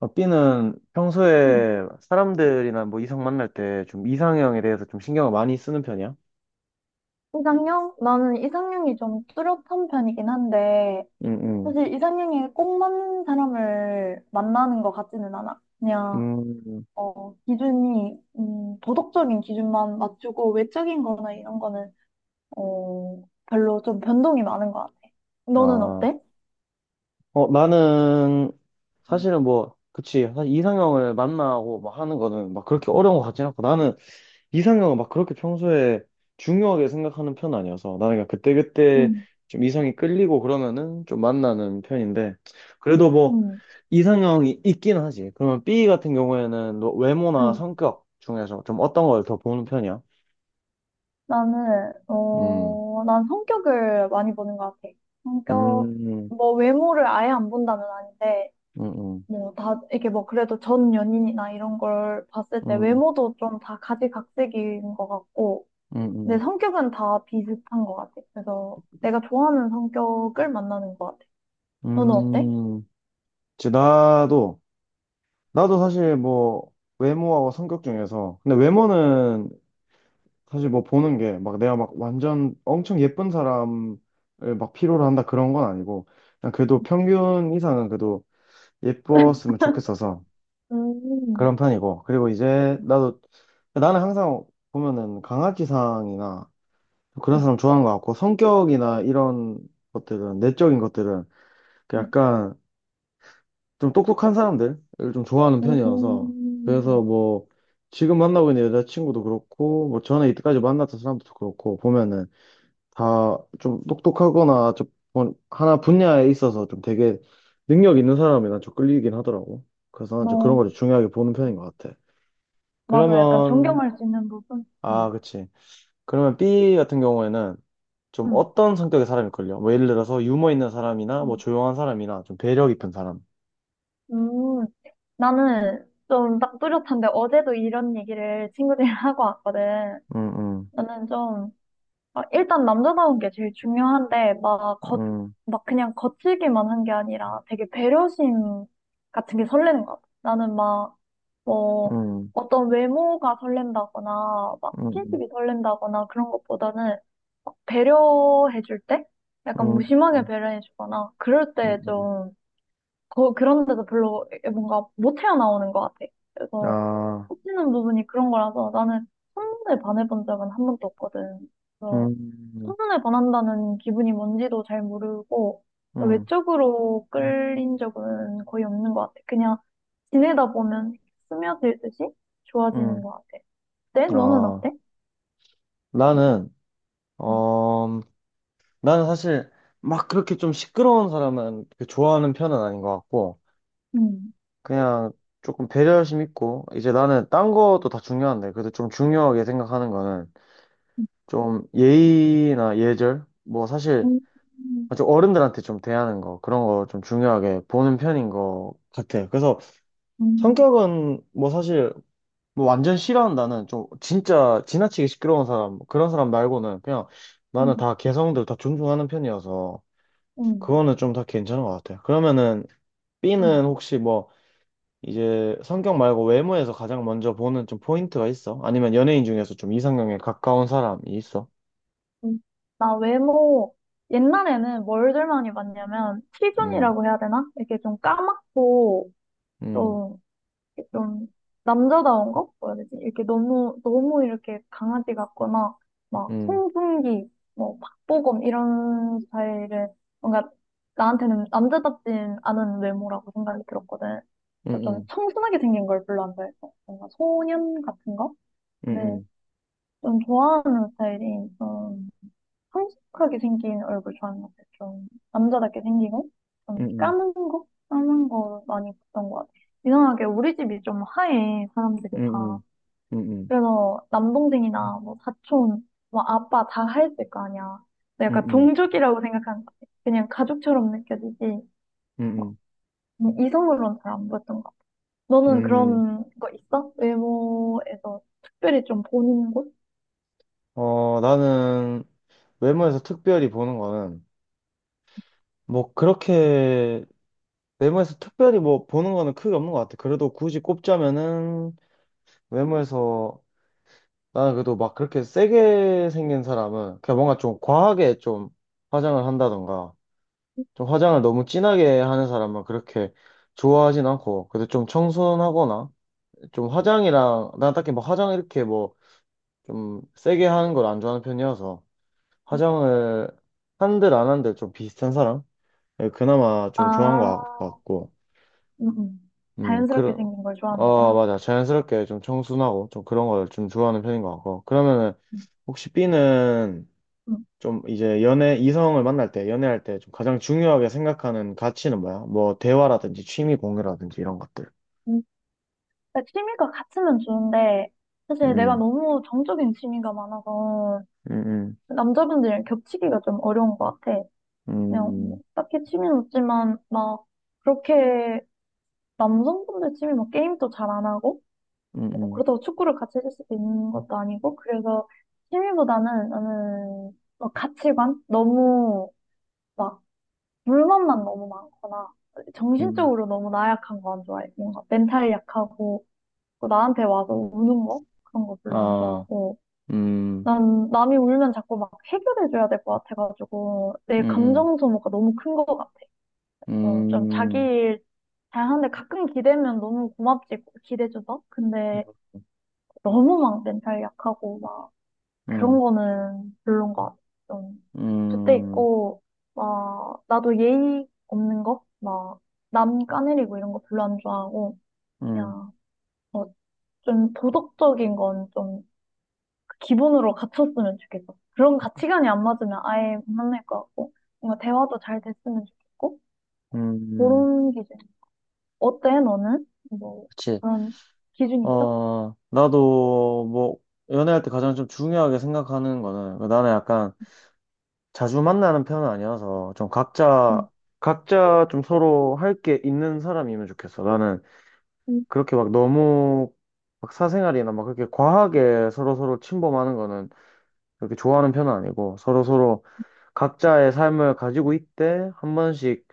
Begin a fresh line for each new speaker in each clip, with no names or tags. B는
음,
평소에 사람들이나 뭐 이성 만날 때 좀 이상형에 대해서 좀 신경을 많이 쓰는 편이야?
이상형? 나는 이상형이 좀 뚜렷한 편이긴 한데,
응, 응.
사실 이상형에 꼭 맞는 사람을 만나는 것 같지는 않아. 그냥,
음,
기준이, 도덕적인 기준만 맞추고, 외적인 거나 이런 거는, 별로 좀 변동이 많은 것 같아. 너는
아.
어때?
나는 사실은 뭐, 그치. 사실 이상형을 만나고 막 하는 거는 막 그렇게 어려운 것 같진 않고 나는 이상형은 막 그렇게 평소에 중요하게 생각하는 편 아니어서 나는 그냥 그때그때
응.
좀 이성이 끌리고 그러면은 좀 만나는 편인데 그래도 뭐
응.
이상형이 있긴 하지. 그러면 B 같은 경우에는 너 외모나
응.
성격 중에서 좀 어떤 걸 더 보는 편이야?
나는,
음,
어, 난 성격을 많이 보는 것 같아.
음,
성격,
음,
뭐 외모를 아예 안 본다는 아닌데,
음,
뭐 다 이게 뭐 그래도 전 연인이나 이런 걸 봤을 때
음,
외모도 좀 다 가지각색인 것 같고
음,
내
음.
성격은 다 비슷한 것 같아. 그래서 내가 좋아하는 성격을 만나는 것 같아. 너는 어때?
음. 이제 나도 사실 뭐 외모하고 성격 중에서 근데 외모는 사실 뭐 보는 게 막 내가 막 완전 엄청 예쁜 사람을 막 필요로 한다 그런 건 아니고 그냥 그래도 평균 이상은 그래도 예뻤으면 좋겠어서
음,
그런 편이고 그리고 이제 나도 나는 항상 보면은 강아지상이나 그런
응,
사람 좋아하는 것 같고 성격이나 이런 것들은 내적인 것들은 그
응.
약간 좀 똑똑한 사람들을 좀 좋아하는 편이어서 그래서
음,
뭐 지금 만나고 있는 여자친구도 그렇고 뭐 전에 이때까지 만났던 사람도 그렇고 보면은 다 좀 똑똑하거나 좀 뭐 하나 분야에 있어서 좀 되게 능력 있는 사람이 난 좀 끌리긴 하더라고. 그래서 난좀 그런
너,
걸 중요하게 보는 편인 것 같아.
맞아. 약간
그러면
존경할 수 있는 부분?
아,
응,
그치. 그러면 B 같은 경우에는 좀
응,
어떤 성격의 사람이 걸려 뭐 예를 들어서 유머 있는 사람이나 뭐
응.
조용한 사람이나 좀 배려 깊은 사람.
음, 나는 좀 딱 뚜렷한데 어제도 이런 얘기를 친구들이랑 하고 왔거든.
음, 음,
나는 좀 아, 일단 남자다운 게 제일 중요한데, 막, 겉
음,
막 그냥 거칠기만 한 게 아니라 되게 배려심 같은 게 설레는 것 같아. 나는 막, 뭐,
음,
어떤 외모가 설렌다거나, 막
음,
스킨십이 설렌다거나 그런 것보다는 막 배려해줄 때? 약간
음, 음,
무심하게 배려해주거나, 그럴
음,
때
음.
좀, 그런 데서 별로 뭔가 못 헤어나오는 것 같아. 그래서
아,
꽂히는 부분이 그런 거라서 나는 한 번에 반해본 적은 한 번도 없거든.
음,
천선을 반한다는 기분이 뭔지도 잘 모르고
음,
외적으로 끌린 적은 거의 없는 것 같아. 그냥 지내다 보면 스며들듯이
음.
좋아지는 것 같아. 네? 너는
아,
어때?
나는
음.
나는 사실 막 그렇게 좀 시끄러운 사람은 그렇게 좋아하는 편은 아닌 것 같고,
음.
그냥 조금 배려심 있고, 이제 나는 딴 것도 다 중요한데, 그래도 좀 중요하게 생각하는 거는 좀 예의나 예절? 뭐 사실
음. 음.
좀 어른들한테 좀 대하는 거, 그런 거 좀 중요하게 보는 편인 것 같아. 그래서
음.
성격은 뭐 사실 뭐 완전 싫어한다는 좀 진짜 지나치게 시끄러운 사람, 그런 사람 말고는 그냥 나는 다 개성들 다 존중하는 편이어서,
음.
그거는 좀 다 괜찮은 것 같아요. 그러면은
음.
B는 혹시 뭐 이제 성격 말고 외모에서 가장 먼저 보는 좀 포인트가 있어? 아니면 연예인 중에서 좀 이상형에 가까운 사람이 있어?
음. 나 외모 옛날에는 뭘들 많이 봤냐면
음,
티존이라고 해야 되나? 이렇게 좀 까맣고
음,
좀 이렇게 좀 남자다운 거? 뭐라 해야 되지? 이렇게 너무, 너무 이렇게 강아지 같거나, 막,
음,
송중기, 뭐, 박보검, 이런 스타일은 뭔가 나한테는 남자답진 않은 외모라고 생각이 들었거든.
음,
그래서 좀
음,
청순하게 생긴 걸 별로 안 좋아해서. 뭔가 소년 같은 거? 네,
음,
좀 좋아하는 스타일이, 성숙하게 생긴 얼굴 좋아하는 것 같아요. 좀 남자답게 생기고
음,
좀
음,
까만 거? 까만 거 많이 봤던 것 같아요. 이상하게 우리 집이 좀 하얘 사람들이
음,
다.
음, 음,
그래서 남동생이나 뭐 사촌, 뭐 아빠 다 하였을 거 아니야. 근데
음,
약간
음,
동족이라고 생각하는 것 같아. 그냥 가족처럼 느껴지지
음,
뭐
음.
뭐 이성으로는 잘 안 보였던 것 같아.
음,
너는
음.
그런 거 있어? 외모에서 특별히 좀 보는 곳?
나는 외모에서 특별히 보는 거는 뭐 그렇게 외모에서 특별히 뭐 보는 거는 크게 없는 것 같아. 그래도 굳이 꼽자면은 외모에서 나는 그래도 막 그렇게 세게 생긴 사람은 그냥 뭔가 좀 과하게 좀 화장을 한다던가 좀 화장을 너무 진하게 하는 사람은 그렇게 좋아하진 않고 그래도 좀 청순하거나 좀 화장이랑 난 딱히 뭐 화장 이렇게 뭐 좀 세게 하는 걸 안 좋아하는 편이어서 화장을 한들 안 한들 좀 비슷한 사람? 예, 그나마 좀 좋아한
아,
것 같고
음, 음. 자연스럽게
그런
생긴 걸
어
좋아하는구나.
맞아 자연스럽게 좀 청순하고 좀 그런 걸 좀 좋아하는 편인 것 같고 그러면은
음.
혹시 B는
음,
좀 이제 연애, 이성을 만날 때, 연애할 때 좀 가장 중요하게 생각하는 가치는 뭐야? 뭐, 대화라든지 취미 공유라든지 이런 것들.
음. 그러니까 취미가 같으면 좋은데, 사실 내가
음,
너무 정적인 취미가 많아서,
음,
남자분들이랑 겹치기가 좀 어려운 것 같아.
음,
그냥, 뭐
음,
딱히 취미는 없지만, 막, 그렇게, 남성분들 취미 뭐 게임도 잘 안 하고,
음,
뭐
음,
그렇다고 축구를 같이 해줄 수도 있는 것도 아니고, 그래서 취미보다는 나는, 막 가치관? 너무, 막, 물만만 너무 많거나,
음.
정신적으로 너무 나약한 거 안 좋아해. 뭔가 멘탈이 약하고, 그 나한테 와서 우는 거? 그런 거 별로 안
아,
좋아하고.
음,
난 남이 울면 자꾸 막 해결해줘야 될 것 같아가지고, 내
음,
감정 소모가 너무 큰 것 같아.
음,
그래서 좀 자기
음,
일 잘하는데 가끔 기대면 너무 고맙지, 기대줘서. 근데 너무 막 멘탈 약하고, 막 그런
음,
거는 별론 것 같아. 좀, 그때
음,
있고, 막, 나도 예의 없는 거? 막, 남 까내리고 이런 거 별로 안 좋아하고,
음,
야,
음.
어, 좀 도덕적인 건좀 기본으로 갖췄으면 좋겠어. 그런 가치관이 안 맞으면 아예 못 만날 것 같고, 뭔가 대화도 잘 됐으면 좋겠고,
음.
그런 기준. 어때, 너는? 뭐,
그치.
그런 기준이 있어?
나도 뭐, 연애할 때 가장 좀 중요하게 생각하는 거는, 나는 약간 자주 만나는 편은 아니어서 좀
응.
각자 각자 좀 서로 할 게 있는 사람이면 좋겠어. 나는
응.
그렇게 막 너무 막 사생활이나 막 그렇게 과하게 서로 서로 침범하는 거는 그렇게 좋아하는 편은 아니고 서로 서로 각자의 삶을 가지고 있대 한 번씩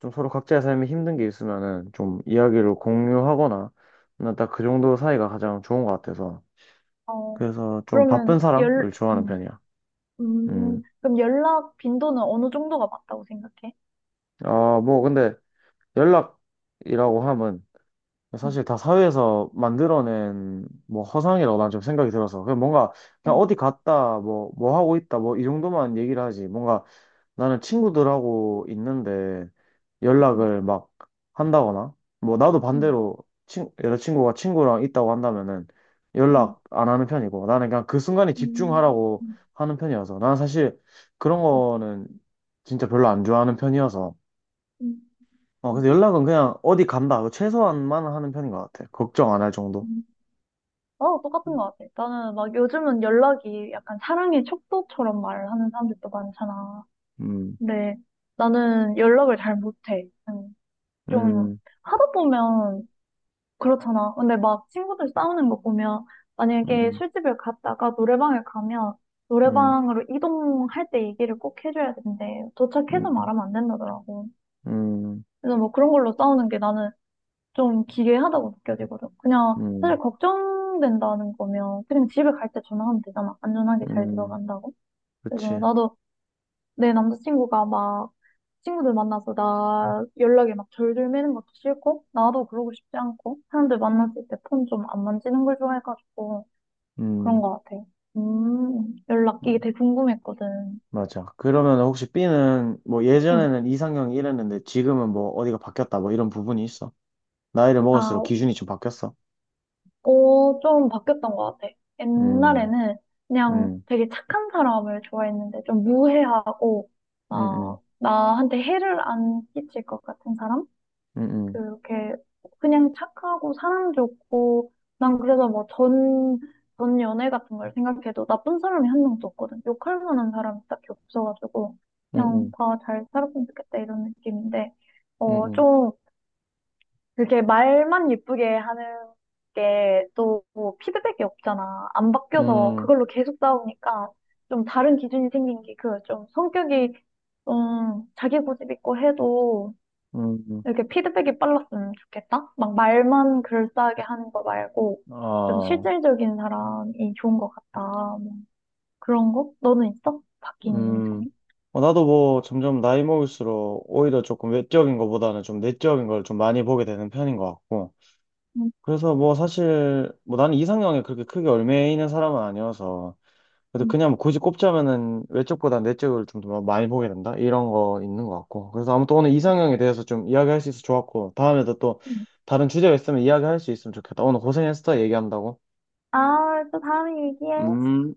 좀 서로 각자의 삶에 힘든 게 있으면은 좀 이야기를 공유하거나 난 딱 그 정도 사이가 가장 좋은 것 같아서
어,
그래서 좀 바쁜
그러면 연,
사람을 좋아하는
음,
편이야. 음.
그럼 연락 빈도는 어느 정도가 맞다고 생각해?
아, 뭐 근데 연락 이라고 하면
응,
사실 다 사회에서 만들어낸 뭐 허상이라고 난 좀 생각이 들어서 그냥 뭔가 그냥
어,
어디 갔다 뭐 뭐 하고 있다 뭐 이 정도만 얘기를 하지 뭔가 나는
응.
친구들하고 있는데
응.
연락을 막 한다거나 뭐 나도
응.
반대로 친 여자친구가 친구랑 있다고 한다면은
응,
연락 안 하는 편이고 나는 그냥 그 순간에 집중하라고
응.
하는 편이어서 나는 사실 그런
응.
거는 진짜 별로 안 좋아하는 편이어서
음,
근데
음,
연락은 그냥 어디 간다. 최소한만 하는 편인 것 같아. 걱정 안 할 정도.
음. 나도 똑같은 것 같아. 나는 막 요즘은 연락이 약간 사랑의 척도처럼 말을 하는 사람들도 많잖아.
음,
근데 나는 연락을 잘 못해. 음, 좀
음,
하다 보면 그렇잖아. 근데 막 친구들 싸우는 거 보면 만약에
음,
술집을 갔다가 노래방에 가면
음,
노래방으로 이동할 때 얘기를 꼭 해줘야 된대. 도착해서
음,
말하면 안 된다더라고.
음,
그래서 뭐 그런 걸로 싸우는 게 나는 좀 기괴하다고 느껴지거든. 그냥 사실
음,
걱정된다는 거면 그냥 집에 갈 때 전화하면 되잖아. 안전하게 잘
음,
들어간다고. 그래서
그치.
나도 내 남자친구가 막 친구들 만나서 나 연락에 막 절들 매는 것도 싫고 나도 그러고 싶지 않고 사람들 만났을 때 폰 좀 안 만지는 걸 좋아해가지고 그런
음,
것 같아. 연락 이게
음,
되게 궁금했거든.
맞아. 그러면 혹시 B는 뭐
응.
예전에는 이상형이 이랬는데 지금은 뭐 어디가 바뀌었다 뭐 이런 부분이 있어. 나이를 먹을수록
아,
기준이 좀 바뀌었어.
어, 좀 바뀌었던 것 같아.
음,
옛날에는 그냥
음,
되게 착한 사람을 좋아했는데 좀 무해하고
음,
아,
음,
나한테 해를 안 끼칠 것 같은 사람?
음,
그렇게 그냥 착하고 사람 좋고 난 그래서 뭐 전 연애 같은 걸 생각해도 나쁜 사람이 한 명도 없거든. 욕할 만한 사람이 딱히 없어가지고
음,
그냥
음,
다 잘 살았으면 좋겠다 이런 느낌인데
음,
좀 그렇게 말만 예쁘게 하는 게 또 피드백이 없잖아. 안
음,
바뀌어서
음, 음,
그걸로 계속 싸우니까 좀 다른 기준이 생긴 게 그 좀 성격이 좀 자기 고집 있고 해도
음, 음, 음,
이렇게 피드백이 빨랐으면 좋겠다. 막 말만 글싸하게 하는 거 말고 좀
음,
실질적인 사람이 좋은 것 같다. 뭐 그런 거? 너는 있어? 바뀐
음,
점이?
나도 뭐 점점 나이 먹을수록 오히려 조금 외적인 것보다는 좀 내적인 걸 좀 많이 보게 되는 편인 것 같고.
음,
그래서 뭐 사실 뭐 나는 이상형에 그렇게 크게 얽매이는 사람은 아니어서. 그래도
음,
그냥 뭐 굳이 꼽자면은 외적보다 내적을 좀 더 많이 보게 된다? 이런 거 있는 것 같고. 그래서 아무튼 오늘 이상형에 대해서 좀 이야기할 수 있어서 좋았고. 다음에도 또
음.
다른 주제가 있으면 이야기할 수 있으면 좋겠다. 오늘 고생했어, 얘기한다고.
아, 또 다음에 얘기해.
음.